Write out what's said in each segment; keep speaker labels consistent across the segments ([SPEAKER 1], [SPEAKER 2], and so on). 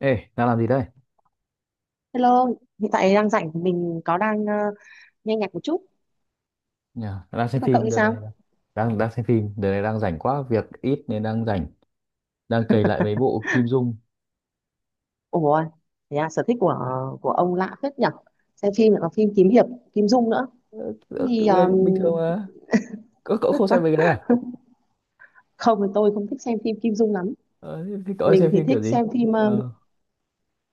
[SPEAKER 1] Ê, đang làm gì đây?
[SPEAKER 2] Hello, hiện tại đang rảnh mình có đang nghe nhạc một chút.
[SPEAKER 1] Nhà đang
[SPEAKER 2] Thế
[SPEAKER 1] xem
[SPEAKER 2] còn cậu
[SPEAKER 1] phim
[SPEAKER 2] thì
[SPEAKER 1] đợt
[SPEAKER 2] sao?
[SPEAKER 1] này. Đang đang xem phim, đợt này đang rảnh quá, việc ít nên đang rảnh, đang cày lại mấy bộ Kim Dung.
[SPEAKER 2] Ủa, thế à, sở thích của ông lạ phết nhỉ? Xem phim lại còn phim kiếm hiệp, Kim Dung nữa.
[SPEAKER 1] Ơ,
[SPEAKER 2] Thì ờ,
[SPEAKER 1] bình thường mà. Cậu không xem mấy cái đấy à?
[SPEAKER 2] Không thì tôi không thích xem phim Kim Dung lắm.
[SPEAKER 1] Ờ, thế thế cậu hay
[SPEAKER 2] Mình
[SPEAKER 1] xem
[SPEAKER 2] thì
[SPEAKER 1] phim
[SPEAKER 2] thích
[SPEAKER 1] kiểu gì?
[SPEAKER 2] xem phim ờ,
[SPEAKER 1] Ờ,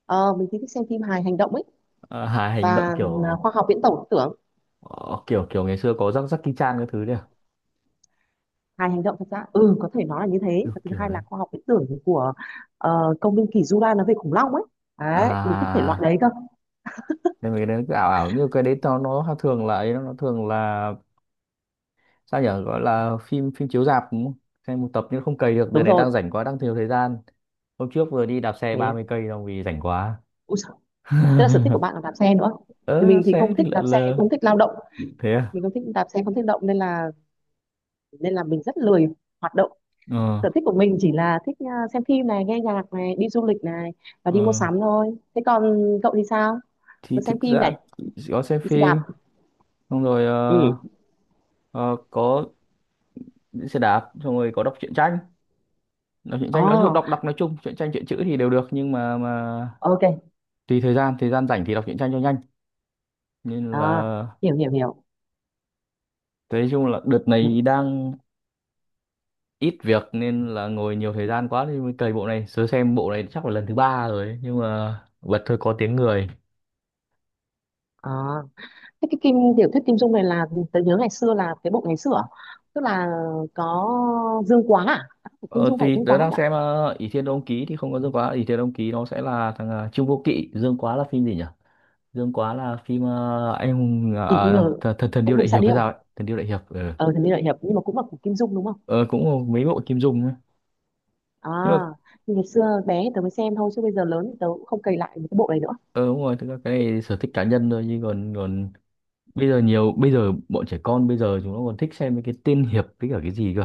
[SPEAKER 2] ờ, mình thì thích xem phim hài hành động ấy,
[SPEAKER 1] À, hài hành động
[SPEAKER 2] và
[SPEAKER 1] kiểu
[SPEAKER 2] khoa học viễn tổ tưởng.
[SPEAKER 1] ờ, kiểu kiểu ngày xưa có rắc rắc Jackie Chan cái thứ đấy à?
[SPEAKER 2] Hài hành động thật ra ừ có thể nói là như thế.
[SPEAKER 1] Kiểu
[SPEAKER 2] Và thứ
[SPEAKER 1] kiểu
[SPEAKER 2] hai
[SPEAKER 1] đấy.
[SPEAKER 2] là khoa học viễn tưởng, của công viên kỷ Jura, nói về khủng long ấy. Đấy, mình thích thể loại
[SPEAKER 1] À,
[SPEAKER 2] đấy cơ.
[SPEAKER 1] nên mấy cái đấy nó cứ ảo ảo như cái đấy nó thường là ấy, nó thường là sao nhở, gọi là phim phim chiếu rạp đúng không? Xem một tập nhưng không cày được, đợt
[SPEAKER 2] Đúng
[SPEAKER 1] này
[SPEAKER 2] rồi.
[SPEAKER 1] đang rảnh quá, đang thiếu thời gian. Hôm trước vừa đi đạp xe
[SPEAKER 2] Thế.
[SPEAKER 1] 30 cây đâu vì rảnh quá.
[SPEAKER 2] Tức là sở thích của bạn là đạp xe nữa. Thì
[SPEAKER 1] Ờ, đạp
[SPEAKER 2] mình thì
[SPEAKER 1] xe
[SPEAKER 2] không
[SPEAKER 1] đi
[SPEAKER 2] thích đạp
[SPEAKER 1] lượn
[SPEAKER 2] xe,
[SPEAKER 1] lờ.
[SPEAKER 2] không thích lao động,
[SPEAKER 1] Thế à?
[SPEAKER 2] mình không thích đạp xe, không thích động, nên là mình rất lười hoạt động.
[SPEAKER 1] Ờ,
[SPEAKER 2] Sở thích của mình chỉ là thích xem phim này, nghe nhạc này, đi du lịch này và đi mua
[SPEAKER 1] ờ.
[SPEAKER 2] sắm thôi. Thế còn cậu thì sao? Vừa
[SPEAKER 1] Thì
[SPEAKER 2] xem
[SPEAKER 1] thực
[SPEAKER 2] phim
[SPEAKER 1] ra
[SPEAKER 2] này,
[SPEAKER 1] có xem
[SPEAKER 2] đi xe đạp.
[SPEAKER 1] phim, xong rồi
[SPEAKER 2] Ừ.
[SPEAKER 1] ờ, có đi xe đạp, xong rồi có đọc truyện tranh. Đọc truyện tranh nói chung,
[SPEAKER 2] Oh,
[SPEAKER 1] đọc đọc nói chung, truyện tranh truyện chữ thì đều được, nhưng mà
[SPEAKER 2] ok.
[SPEAKER 1] tùy thời gian rảnh thì đọc truyện tranh cho nhanh. Nên
[SPEAKER 2] À,
[SPEAKER 1] là
[SPEAKER 2] hiểu hiểu hiểu.
[SPEAKER 1] nói chung là đợt này đang ít việc nên là ngồi nhiều thời gian quá thì mới cày bộ này. Sớ xem bộ này chắc là lần thứ ba rồi ấy, nhưng mà bật thôi có tiếng người.
[SPEAKER 2] À, thế cái kim tiểu thuyết Kim Dung này là tớ nhớ ngày xưa là cái bộ ngày xưa à? Tức là có Dương Quá à? À, Kim
[SPEAKER 1] Ờ,
[SPEAKER 2] Dung phải
[SPEAKER 1] thì
[SPEAKER 2] Dương
[SPEAKER 1] tớ
[SPEAKER 2] Quá không
[SPEAKER 1] đang
[SPEAKER 2] nhỉ?
[SPEAKER 1] xem Ỷ Thiên Đông Ký thì không có Dương Quá. Ỷ Thiên Đông Ký nó sẽ là thằng Trương Vô Kỵ. Dương Quá là phim gì nhỉ? Dương Quá là phim anh hùng
[SPEAKER 2] Thì nhờ
[SPEAKER 1] thần, thần thần
[SPEAKER 2] Anh
[SPEAKER 1] điêu
[SPEAKER 2] Hùng
[SPEAKER 1] đại
[SPEAKER 2] Xạ
[SPEAKER 1] hiệp hay
[SPEAKER 2] Điêu,
[SPEAKER 1] sao ấy? Thần điêu đại hiệp. Ờ.
[SPEAKER 2] ờ thần tiên đại hiệp, nhưng mà cũng là của Kim Dung đúng không?
[SPEAKER 1] Ờ, cũng có mấy bộ Kim Dung ấy.
[SPEAKER 2] À,
[SPEAKER 1] Nhưng mà
[SPEAKER 2] nhưng ngày xưa bé thì tớ mới xem thôi, chứ bây giờ lớn thì tớ cũng không cày lại một cái bộ này nữa.
[SPEAKER 1] ờ đúng rồi, thực ra cái này sở thích cá nhân thôi, nhưng còn còn bây giờ nhiều, bây giờ bọn trẻ con bây giờ chúng nó còn thích xem mấy cái tiên hiệp với cả cái gì cơ.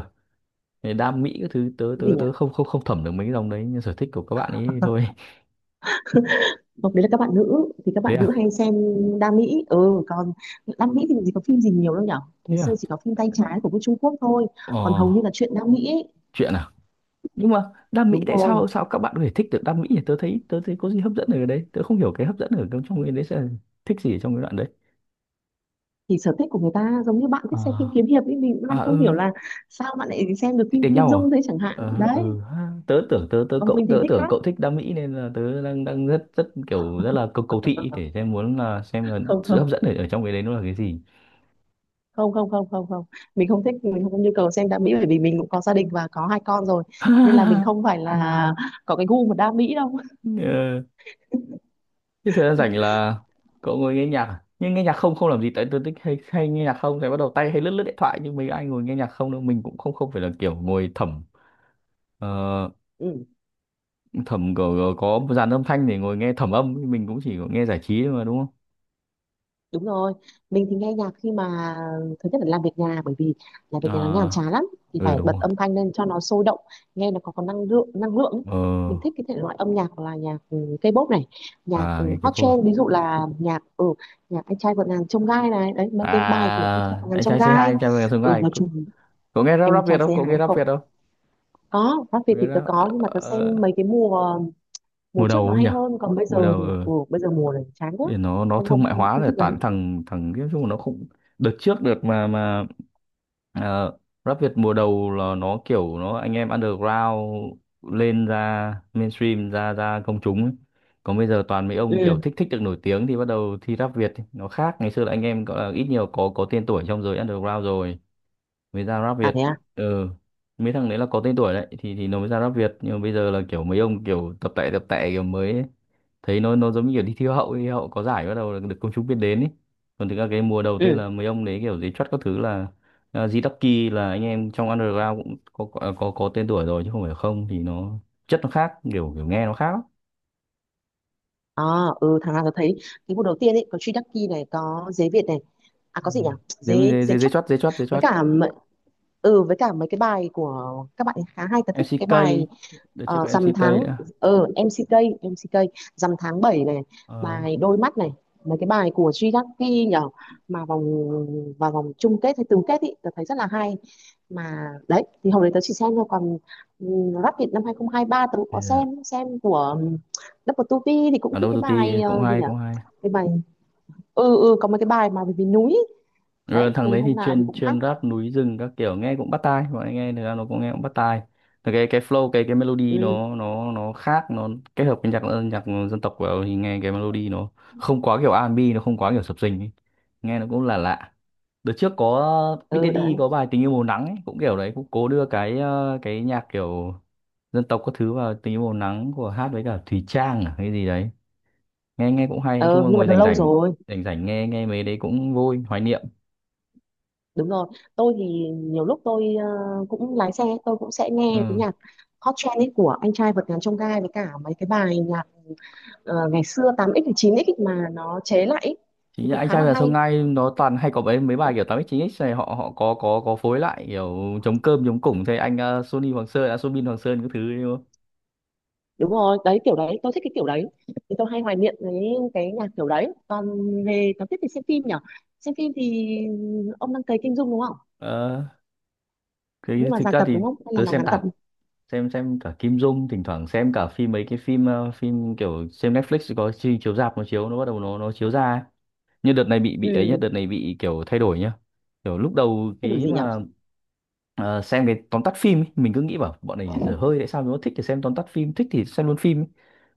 [SPEAKER 1] Cái đam mỹ các thứ tớ
[SPEAKER 2] Cái gì
[SPEAKER 1] tớ
[SPEAKER 2] nhỉ?
[SPEAKER 1] tớ không không không thẩm được mấy cái dòng đấy, nhưng sở thích của các bạn ấy thì thôi.
[SPEAKER 2] Không, đấy là các bạn nữ thì các bạn
[SPEAKER 1] Thế
[SPEAKER 2] nữ
[SPEAKER 1] à?
[SPEAKER 2] hay xem Đam Mỹ, ừ, còn Đam Mỹ thì làm gì có phim gì nhiều đâu nhở,
[SPEAKER 1] Thế
[SPEAKER 2] ngày xưa
[SPEAKER 1] à?
[SPEAKER 2] chỉ có phim tay trái của bên Trung Quốc thôi,
[SPEAKER 1] Ờ,
[SPEAKER 2] còn hầu như là chuyện Đam Mỹ ấy.
[SPEAKER 1] chuyện à? Nhưng mà đam mỹ,
[SPEAKER 2] Đúng
[SPEAKER 1] tại
[SPEAKER 2] rồi,
[SPEAKER 1] sao sao các bạn có thể thích được đam mỹ nhỉ? Tớ thấy có gì hấp dẫn ở đấy, tớ không hiểu cái hấp dẫn ở trong trong cái đấy sẽ là thích gì ở trong cái đoạn đấy.
[SPEAKER 2] thì sở thích của người ta giống như bạn thích xem phim
[SPEAKER 1] À.
[SPEAKER 2] kiếm hiệp ấy, mình cũng
[SPEAKER 1] À,
[SPEAKER 2] đang không hiểu
[SPEAKER 1] ừ,
[SPEAKER 2] là sao bạn lại xem được
[SPEAKER 1] thích
[SPEAKER 2] phim
[SPEAKER 1] đánh
[SPEAKER 2] Kim
[SPEAKER 1] nhau à?
[SPEAKER 2] Dung thế chẳng hạn
[SPEAKER 1] Ờ,
[SPEAKER 2] đấy.
[SPEAKER 1] ừ ha. tớ tưởng tớ tớ
[SPEAKER 2] Còn
[SPEAKER 1] cậu
[SPEAKER 2] mình thì
[SPEAKER 1] tớ
[SPEAKER 2] thích
[SPEAKER 1] tưởng
[SPEAKER 2] khác.
[SPEAKER 1] cậu thích đam mỹ nên là tớ đang đang rất rất kiểu rất là cầu cầu thị để xem, muốn là xem là
[SPEAKER 2] Không,
[SPEAKER 1] sự hấp
[SPEAKER 2] không,
[SPEAKER 1] dẫn ở trong cái đấy nó là cái gì.
[SPEAKER 2] không, không, không, không, không, mình không thích, mình không nhu cầu xem đam mỹ, bởi vì mình cũng có gia đình và có hai con rồi, nên là mình không phải là có cái gu mà đam mỹ đâu.
[SPEAKER 1] Ờ. Thế thời gian rảnh là cậu ngồi nghe nhạc à? Nhưng nghe nhạc không, không làm gì, tại tôi thích hay nghe nhạc không thì bắt đầu tay hay lướt lướt điện thoại, nhưng mấy ai ngồi nghe nhạc không đâu, mình cũng không không phải là kiểu ngồi ờ,
[SPEAKER 2] Ừ,
[SPEAKER 1] thẩm có một dàn âm thanh để ngồi nghe thẩm âm, mình cũng chỉ có nghe giải trí thôi mà đúng không?
[SPEAKER 2] đúng rồi, mình thì nghe nhạc khi mà thứ nhất là làm việc nhà, bởi vì làm việc nhà nó nhàm
[SPEAKER 1] Ờ
[SPEAKER 2] chán lắm, thì
[SPEAKER 1] ừ
[SPEAKER 2] phải
[SPEAKER 1] đúng
[SPEAKER 2] bật
[SPEAKER 1] rồi.
[SPEAKER 2] âm thanh lên cho nó sôi động, nghe nó có năng lượng, năng lượng ấy.
[SPEAKER 1] Ờ.
[SPEAKER 2] Mình thích cái thể loại âm nhạc là nhạc K-pop này, nhạc
[SPEAKER 1] À, nghe cái
[SPEAKER 2] hot
[SPEAKER 1] phô.
[SPEAKER 2] trend, ví dụ là nhạc nhạc anh trai vượt ngàn chông gai này, đấy, mấy cái bài
[SPEAKER 1] À
[SPEAKER 2] của anh trai vượt ngàn chông gai,
[SPEAKER 1] anh trai vượt ngàn chông gai.
[SPEAKER 2] nói
[SPEAKER 1] Cậu,
[SPEAKER 2] chung
[SPEAKER 1] cậu nghe rap
[SPEAKER 2] anh
[SPEAKER 1] rap Việt
[SPEAKER 2] trai
[SPEAKER 1] không? Cậu
[SPEAKER 2] C2
[SPEAKER 1] nghe rap
[SPEAKER 2] không.
[SPEAKER 1] Việt không?
[SPEAKER 2] Có Pháp Việt
[SPEAKER 1] Cậu nghe
[SPEAKER 2] thì tớ
[SPEAKER 1] rap
[SPEAKER 2] có, nhưng mà tớ xem mấy cái mùa mùa
[SPEAKER 1] mùa
[SPEAKER 2] trước
[SPEAKER 1] đầu
[SPEAKER 2] nó
[SPEAKER 1] ấy
[SPEAKER 2] hay
[SPEAKER 1] nhỉ?
[SPEAKER 2] hơn, còn bây
[SPEAKER 1] Mùa
[SPEAKER 2] giờ
[SPEAKER 1] đầu
[SPEAKER 2] thì
[SPEAKER 1] ờ.
[SPEAKER 2] bây giờ mùa này chán quá.
[SPEAKER 1] Thì nó
[SPEAKER 2] Không,
[SPEAKER 1] thương
[SPEAKER 2] không,
[SPEAKER 1] mại
[SPEAKER 2] không,
[SPEAKER 1] hóa
[SPEAKER 2] không
[SPEAKER 1] rồi,
[SPEAKER 2] thích lắm.
[SPEAKER 1] toàn thằng thằng nói chung là nó không. Đợt trước được, mà ờ, rap Việt mùa đầu là nó kiểu nó anh em underground lên ra mainstream, ra ra công chúng ấy. Còn bây giờ toàn mấy ông kiểu
[SPEAKER 2] Ừ.
[SPEAKER 1] thích thích được nổi tiếng thì bắt đầu thi rap Việt ấy. Nó khác ngày xưa là anh em gọi là ít nhiều có tên tuổi trong giới underground rồi mới ra rap
[SPEAKER 2] À, thế
[SPEAKER 1] Việt.
[SPEAKER 2] à?
[SPEAKER 1] ừ Mấy thằng đấy là có tên tuổi đấy thì nó mới ra rap Việt, nhưng mà bây giờ là kiểu mấy ông kiểu tập tẻ kiểu mới ấy. Thấy nó giống như kiểu đi thi Hoa hậu ấy. Hoa hậu có giải bắt đầu là được công chúng biết đến ấy, còn thực ra cái mùa đầu tiên
[SPEAKER 2] Ừ.
[SPEAKER 1] là mấy ông đấy kiểu giấy chót các thứ là à, G-Ducky là anh em trong underground cũng có tên tuổi rồi, chứ không phải, không thì nó chất nó khác, kiểu kiểu nghe nó khác lắm.
[SPEAKER 2] À, ừ, thằng nào tớ thấy cái mùa đầu tiên ấy có Truy Đắc Kỳ này, có Dế Việt này, à
[SPEAKER 1] Ừ.
[SPEAKER 2] có gì nhỉ,
[SPEAKER 1] giấy
[SPEAKER 2] Dế
[SPEAKER 1] giấy
[SPEAKER 2] Dế
[SPEAKER 1] giấy giấy
[SPEAKER 2] Chấp,
[SPEAKER 1] chót giấy chót giấy
[SPEAKER 2] với
[SPEAKER 1] chót
[SPEAKER 2] cả m- ừ với cả mấy cái bài của các bạn ấy khá hay, tớ thích cái
[SPEAKER 1] MCK.
[SPEAKER 2] bài.
[SPEAKER 1] Đợt trước có
[SPEAKER 2] Rằm
[SPEAKER 1] MCK
[SPEAKER 2] tháng,
[SPEAKER 1] nữa.
[SPEAKER 2] MCK MCK rằm tháng 7 này,
[SPEAKER 1] Ờ,
[SPEAKER 2] bài đôi mắt này, mấy cái bài của Jidaki nhở, mà vào vòng chung kết hay tứ kết ý tớ thấy rất là hay. Mà đấy thì hồi đấy tớ chỉ xem thôi, còn Rap Việt năm 2023 tớ cũng có
[SPEAKER 1] bây giờ
[SPEAKER 2] xem của Double tu Vi, thì cũng
[SPEAKER 1] ở
[SPEAKER 2] thích
[SPEAKER 1] đâu
[SPEAKER 2] cái bài,
[SPEAKER 1] cũng
[SPEAKER 2] gì
[SPEAKER 1] hay,
[SPEAKER 2] nhở,
[SPEAKER 1] cũng hay.
[SPEAKER 2] cái bài, có mấy cái bài mà về, núi ý.
[SPEAKER 1] Rồi
[SPEAKER 2] Đấy
[SPEAKER 1] thằng
[SPEAKER 2] thì
[SPEAKER 1] đấy
[SPEAKER 2] hôm
[SPEAKER 1] thì
[SPEAKER 2] nào thì
[SPEAKER 1] chuyên
[SPEAKER 2] cũng hát.
[SPEAKER 1] chuyên rap núi rừng các kiểu, nghe cũng bắt tai, bọn anh nghe thực ra nó cũng nghe cũng bắt tai. Thì cái flow cái melody
[SPEAKER 2] Ừ.
[SPEAKER 1] nó khác, nó kết hợp với nhạc dân tộc vào thì nghe cái melody nó không quá kiểu R&B, nó không quá kiểu sập sình ấy. Nghe nó cũng là lạ lạ. Đợt trước có Big
[SPEAKER 2] Ừ, đấy,
[SPEAKER 1] Daddy có bài tình yêu màu nắng ấy, cũng kiểu đấy, cũng cố đưa cái nhạc kiểu dân tộc các thứ vào, tình yêu màu nắng của hát với cả Thùy Trang à, hay gì đấy. Nghe nghe cũng hay, nói
[SPEAKER 2] ờ
[SPEAKER 1] chung là
[SPEAKER 2] nhưng mà
[SPEAKER 1] ngồi
[SPEAKER 2] đã
[SPEAKER 1] rảnh
[SPEAKER 2] lâu
[SPEAKER 1] rảnh
[SPEAKER 2] rồi.
[SPEAKER 1] rảnh rảnh nghe nghe mấy đấy cũng vui hoài niệm.
[SPEAKER 2] Đúng rồi, tôi thì nhiều lúc tôi cũng lái xe, tôi cũng sẽ nghe cái
[SPEAKER 1] Ừ.
[SPEAKER 2] nhạc hot trend ấy của anh trai vượt ngàn chông gai, với cả mấy cái bài nhạc ngày xưa 8x và 9x ấy mà nó chế lại ấy, thì
[SPEAKER 1] Chính là
[SPEAKER 2] cũng
[SPEAKER 1] anh
[SPEAKER 2] khá
[SPEAKER 1] trai
[SPEAKER 2] là
[SPEAKER 1] và
[SPEAKER 2] hay.
[SPEAKER 1] sông Gai, nó toàn hay có mấy mấy bài kiểu 8x9x này, họ họ có phối lại kiểu chống cơm chống củng thế, anh ờ, Sony Hoàng Sơn à, Soobin Hoàng Sơn các thứ ấy đúng không?
[SPEAKER 2] Đúng rồi, đấy kiểu đấy, tôi thích cái kiểu đấy, thì tôi hay hoài niệm với cái nhạc kiểu đấy. Còn về, còn tiếp thì xem phim nhỉ, xem phim thì ông đang cấy Kim Dung đúng không?
[SPEAKER 1] Ờ, cái
[SPEAKER 2] Nhưng mà
[SPEAKER 1] thực
[SPEAKER 2] dài
[SPEAKER 1] ra
[SPEAKER 2] tập
[SPEAKER 1] thì
[SPEAKER 2] đúng không hay là
[SPEAKER 1] tớ
[SPEAKER 2] nó
[SPEAKER 1] xem
[SPEAKER 2] ngắn tập?
[SPEAKER 1] tạp, xem cả Kim Dung, thỉnh thoảng xem cả phim, mấy cái phim kiểu xem Netflix có chiếu rạp, nó chiếu, nó bắt đầu nó chiếu ra ấy. Nhưng đợt này bị ấy nhá,
[SPEAKER 2] Ừ,
[SPEAKER 1] đợt này bị kiểu thay đổi nhá, kiểu lúc đầu
[SPEAKER 2] thế đổi
[SPEAKER 1] cái
[SPEAKER 2] gì nhỉ?
[SPEAKER 1] mà xem cái tóm tắt phim ấy. Mình cứ nghĩ bảo bọn này dở hơi, tại sao nó thích thì xem tóm tắt phim, thích thì xem luôn phim ấy.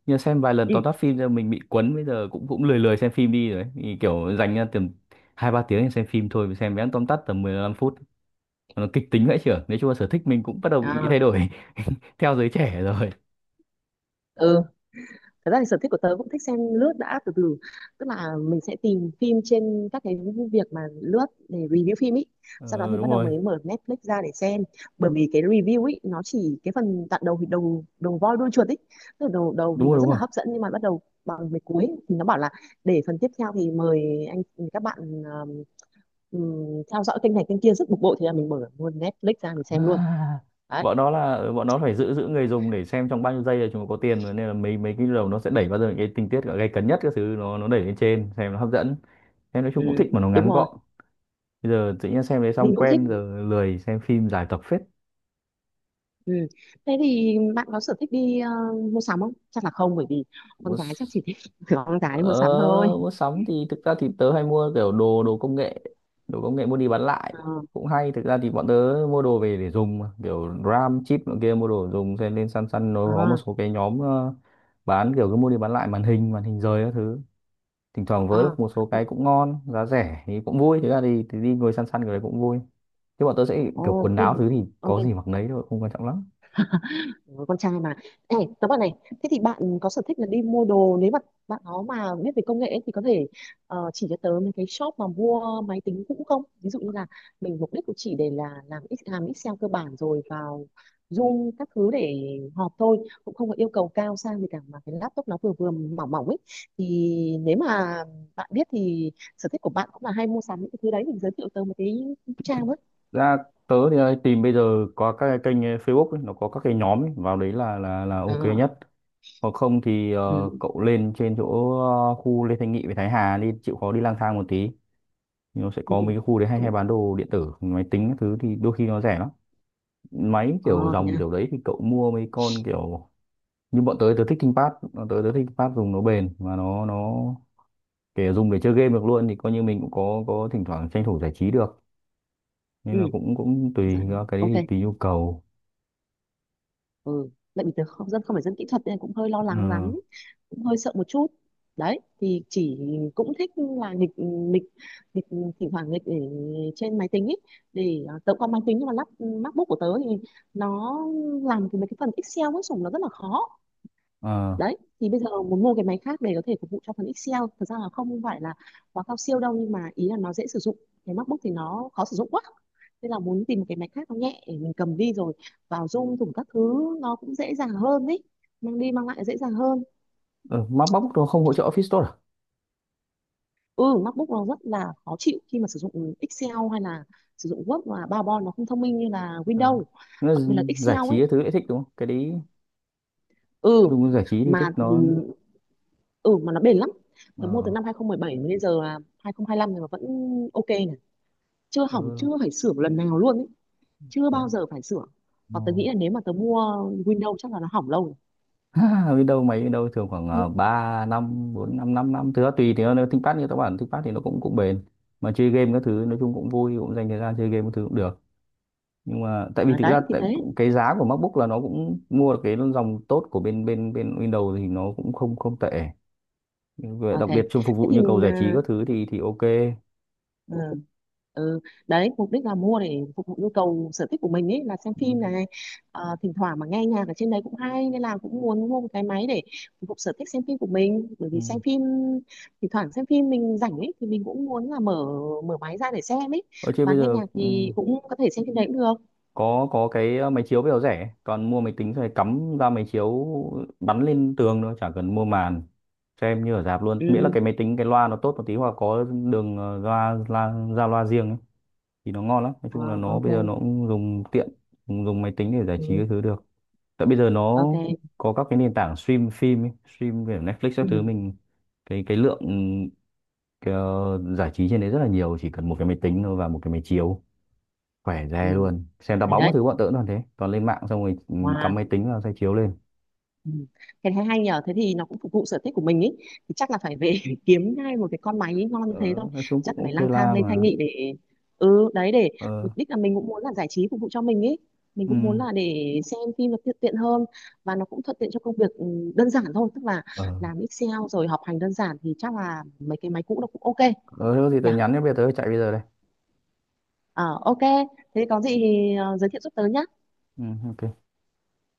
[SPEAKER 1] Nhưng mà xem vài lần
[SPEAKER 2] Ừ.
[SPEAKER 1] tóm tắt phim rồi mình bị quấn, bây giờ cũng cũng lười lười xem phim đi rồi ấy. Thì kiểu dành ra tầm hai ba tiếng để xem phim thôi, mình xem vẽ tóm tắt tầm 15 phút nó kịch tính vậy, chưa nói chung là sở thích mình cũng bắt đầu bị
[SPEAKER 2] À,
[SPEAKER 1] thay đổi. Theo giới trẻ rồi.
[SPEAKER 2] ừ, thật ra thì sở thích của tớ cũng thích xem lướt đã, từ từ, tức là mình sẽ tìm phim trên các cái việc mà lướt để review phim ý, sau đó
[SPEAKER 1] Ờ,
[SPEAKER 2] thì bắt
[SPEAKER 1] đúng
[SPEAKER 2] đầu
[SPEAKER 1] rồi,
[SPEAKER 2] mình mở Netflix ra để xem, bởi vì cái review ý nó chỉ cái phần đoạn đầu, thì đầu đầu voi đuôi chuột ý, tức là đầu đầu thì
[SPEAKER 1] đúng rồi,
[SPEAKER 2] nó
[SPEAKER 1] đúng
[SPEAKER 2] rất là
[SPEAKER 1] rồi.
[SPEAKER 2] hấp dẫn, nhưng mà bắt đầu bằng về cuối thì nó bảo là để phần tiếp theo thì mời anh, các bạn um, theo dõi kênh này kênh kia, rất bực bội, thì là mình mở luôn Netflix ra mình xem luôn
[SPEAKER 1] À,
[SPEAKER 2] đấy.
[SPEAKER 1] bọn nó phải giữ giữ người dùng để xem trong bao nhiêu giây là chúng nó có tiền rồi, nên là mấy mấy cái đầu nó sẽ đẩy bao giờ những cái tình tiết gay cấn nhất các thứ nó đẩy lên trên, xem nó hấp dẫn. Em nói
[SPEAKER 2] Ừ,
[SPEAKER 1] chung cũng thích mà nó
[SPEAKER 2] đúng
[SPEAKER 1] ngắn
[SPEAKER 2] rồi,
[SPEAKER 1] gọn, bây giờ tự nhiên xem đấy xong
[SPEAKER 2] mình cũng thích.
[SPEAKER 1] quen, giờ lười xem phim dài tập
[SPEAKER 2] Ừ. Thế thì bạn có sở thích đi mua sắm không? Chắc là không, bởi vì con gái chắc chỉ
[SPEAKER 1] phết.
[SPEAKER 2] thích con gái đi
[SPEAKER 1] Ờ,
[SPEAKER 2] mua sắm thôi.
[SPEAKER 1] mua sắm thì thực ra thì tớ hay mua kiểu đồ đồ công nghệ, đồ công nghệ mua đi bán lại
[SPEAKER 2] Ờ,
[SPEAKER 1] cũng hay, thực ra thì bọn tớ mua đồ về để dùng mà. Kiểu RAM chip nọ kia mua đồ dùng, xem lên săn săn, nó
[SPEAKER 2] ờ,
[SPEAKER 1] có một số cái nhóm bán kiểu cứ mua đi bán lại màn hình, màn hình rời các thứ, thỉnh thoảng vớ
[SPEAKER 2] ờ.
[SPEAKER 1] được một số cái cũng ngon giá rẻ thì cũng vui, thực ra thì đi ngồi săn săn cái đấy cũng vui. Chứ bọn tớ sẽ kiểu
[SPEAKER 2] Ồ,
[SPEAKER 1] quần
[SPEAKER 2] thế,
[SPEAKER 1] áo thứ thì
[SPEAKER 2] ok.
[SPEAKER 1] có gì mặc nấy thôi, không quan trọng lắm.
[SPEAKER 2] Ừ, con trai mà. Ê, tớ bảo này, thế thì bạn có sở thích là đi mua đồ, nếu mà bạn nó mà biết về công nghệ ấy, thì có thể chỉ cho tớ mấy cái shop mà mua máy tính cũ không, ví dụ như là mình mục đích cũng chỉ để là làm làm Excel cơ bản, rồi vào Zoom các thứ để họp thôi, cũng không có yêu cầu cao sang gì cả, mà cái laptop nó vừa vừa mỏng mỏng ấy, thì nếu mà bạn biết thì sở thích của bạn cũng là hay mua sắm những cái thứ đấy, thì giới thiệu tớ một cái trang ấy.
[SPEAKER 1] Ra tớ thì tìm bây giờ có các cái kênh Facebook ấy, nó có các cái nhóm ấy, vào đấy là ok
[SPEAKER 2] À,
[SPEAKER 1] nhất. Hoặc không thì
[SPEAKER 2] ừ,
[SPEAKER 1] cậu lên trên chỗ khu Lê Thanh Nghị với Thái Hà đi, chịu khó đi lang thang một tí, nó sẽ
[SPEAKER 2] ừ,
[SPEAKER 1] có mấy cái khu đấy hay hay
[SPEAKER 2] cũng
[SPEAKER 1] bán đồ điện tử máy tính các thứ thì đôi khi nó rẻ lắm. Máy
[SPEAKER 2] ờ,
[SPEAKER 1] kiểu
[SPEAKER 2] thế
[SPEAKER 1] dòng
[SPEAKER 2] à,
[SPEAKER 1] kiểu đấy thì cậu mua mấy con kiểu như bọn tớ, tớ thích ThinkPad, dùng nó bền và nó kể dùng để chơi game được luôn, thì coi như mình cũng có thỉnh thoảng tranh thủ giải trí được, nên
[SPEAKER 2] ừ,
[SPEAKER 1] là cũng cũng
[SPEAKER 2] dạ,
[SPEAKER 1] tùy, cái đấy
[SPEAKER 2] ok,
[SPEAKER 1] thì tùy nhu cầu.
[SPEAKER 2] ừ, tại vì tớ không phải dân kỹ thuật nên cũng hơi lo lắng
[SPEAKER 1] Ờ
[SPEAKER 2] lắm, cũng hơi sợ một chút. Đấy thì chỉ cũng thích là nghịch nghịch nghịch, thỉnh thoảng nghịch ở trên máy tính ấy, để tớ cũng có máy tính nhưng mà lắp MacBook của tớ thì nó làm cái mấy cái phần Excel với sủng nó rất là khó.
[SPEAKER 1] ờ.
[SPEAKER 2] Đấy thì bây giờ muốn mua cái máy khác để có thể phục vụ cho phần Excel, thật ra là không phải là quá cao siêu đâu, nhưng mà ý là nó dễ sử dụng, cái MacBook thì nó khó sử dụng quá, nên là muốn tìm một cái máy khác nó nhẹ để mình cầm đi, rồi vào Zoom thủng các thứ nó cũng dễ dàng hơn đấy, mang đi mang lại dễ dàng hơn.
[SPEAKER 1] Ờ, MacBook nó không hỗ trợ Office Store à?
[SPEAKER 2] Ừ, MacBook nó rất là khó chịu khi mà sử dụng Excel, hay là sử dụng Word và PowerPoint, nó không thông minh như là
[SPEAKER 1] Ờ.
[SPEAKER 2] Windows,
[SPEAKER 1] Nó
[SPEAKER 2] đặc biệt là
[SPEAKER 1] giải
[SPEAKER 2] Excel
[SPEAKER 1] trí
[SPEAKER 2] ấy.
[SPEAKER 1] cái thứ lại thích đúng không? Cái đấy
[SPEAKER 2] Ừ,
[SPEAKER 1] Dung giải trí thì thích
[SPEAKER 2] mà
[SPEAKER 1] nó.
[SPEAKER 2] nó bền lắm. Tớ mua từ
[SPEAKER 1] ờ
[SPEAKER 2] năm 2017 mà bây giờ là 2025 rồi mà vẫn ok này, chưa hỏng,
[SPEAKER 1] ừ,
[SPEAKER 2] chưa phải sửa một lần nào luôn ấy. Chưa
[SPEAKER 1] thế,
[SPEAKER 2] bao giờ phải sửa,
[SPEAKER 1] ờ.
[SPEAKER 2] và tớ nghĩ là nếu mà tớ mua Windows chắc là nó hỏng lâu
[SPEAKER 1] Biết đâu biết đâu thường khoảng
[SPEAKER 2] rồi.
[SPEAKER 1] 3 năm 4 5 5 năm thứ đó tùy, thì nó ThinkPad, như các bạn ThinkPad thì nó cũng cũng bền, mà chơi game các thứ nói chung cũng vui, cũng dành thời gian chơi game các thứ cũng được, nhưng mà tại vì
[SPEAKER 2] À,
[SPEAKER 1] thực ra
[SPEAKER 2] đấy thì thế,
[SPEAKER 1] cái giá của MacBook là nó cũng mua được cái dòng tốt của bên bên bên Windows thì nó cũng không không tệ. Và
[SPEAKER 2] ok,
[SPEAKER 1] đặc biệt trong phục
[SPEAKER 2] thế
[SPEAKER 1] vụ
[SPEAKER 2] thì
[SPEAKER 1] nhu cầu giải trí các thứ thì ok.
[SPEAKER 2] ờ, ờ, ừ, đấy mục đích là mua để phục vụ nhu cầu sở thích của mình ấy, là xem
[SPEAKER 1] Ừ.
[SPEAKER 2] phim này. Ờ, thỉnh thoảng mà nghe nhạc ở trên đấy cũng hay, nên là cũng muốn mua một cái máy để phục vụ sở thích xem phim của mình, bởi
[SPEAKER 1] Ừ.
[SPEAKER 2] vì xem phim, thỉnh thoảng xem phim mình rảnh ấy, thì mình cũng muốn là mở mở máy ra để xem ấy,
[SPEAKER 1] Ở trên
[SPEAKER 2] và
[SPEAKER 1] bây
[SPEAKER 2] nghe
[SPEAKER 1] giờ
[SPEAKER 2] nhạc
[SPEAKER 1] ừ.
[SPEAKER 2] thì cũng có thể xem trên đấy cũng được.
[SPEAKER 1] Có cái máy chiếu bây giờ rẻ, toàn mua máy tính rồi cắm ra máy chiếu bắn lên tường thôi, chả cần mua màn, xem như ở rạp luôn, miễn là
[SPEAKER 2] Ừ.
[SPEAKER 1] cái máy tính cái loa nó tốt một tí hoặc có đường loa loa ra loa riêng ấy, thì nó ngon lắm. Nói
[SPEAKER 2] Ờ,
[SPEAKER 1] chung là nó
[SPEAKER 2] ok.
[SPEAKER 1] bây giờ nó cũng dùng tiện, dùng máy tính để giải trí
[SPEAKER 2] Ừ,
[SPEAKER 1] cái thứ được, tại bây giờ nó
[SPEAKER 2] ok.
[SPEAKER 1] có các cái nền tảng stream phim ấy, stream kiểu Netflix các
[SPEAKER 2] Ừ.
[SPEAKER 1] thứ, mình cái lượng cái, giải trí trên đấy rất là nhiều, chỉ cần một cái máy tính thôi và một cái máy chiếu khỏe
[SPEAKER 2] Ừ,
[SPEAKER 1] re luôn, xem đá
[SPEAKER 2] hay
[SPEAKER 1] bóng cái
[SPEAKER 2] đấy.
[SPEAKER 1] thứ bọn tớ cũng toàn thế, toàn lên mạng xong rồi
[SPEAKER 2] Wow.
[SPEAKER 1] cắm máy tính vào xoay chiếu lên.
[SPEAKER 2] Ừ. Cái thấy hay nhờ, thế thì nó cũng phục vụ sở thích của mình ý, thì chắc là phải về phải kiếm ngay một cái con máy ý ngon như
[SPEAKER 1] ờ,
[SPEAKER 2] thế thôi,
[SPEAKER 1] nói chung cũng
[SPEAKER 2] chắc là phải
[SPEAKER 1] ok
[SPEAKER 2] lang thang
[SPEAKER 1] la
[SPEAKER 2] lên Thanh
[SPEAKER 1] mà.
[SPEAKER 2] Nghị để, ừ đấy, để
[SPEAKER 1] Ờ.
[SPEAKER 2] mục đích là mình cũng muốn là giải trí phục vụ cho mình ý, mình
[SPEAKER 1] Ừ.
[SPEAKER 2] cũng muốn là để xem phim nó tiện tiện hơn, và nó cũng thuận tiện cho công việc, đơn giản thôi, tức là
[SPEAKER 1] Ờ.
[SPEAKER 2] làm Excel rồi học hành đơn giản, thì chắc là mấy cái máy cũ nó cũng ok
[SPEAKER 1] Ờ. Thế có gì tớ
[SPEAKER 2] nhỉ.
[SPEAKER 1] nhắn nhé, bây giờ tớ chạy bây giờ đây.
[SPEAKER 2] Ờ, ok, thế có gì thì giới thiệu giúp tớ nhá.
[SPEAKER 1] Ừ ok.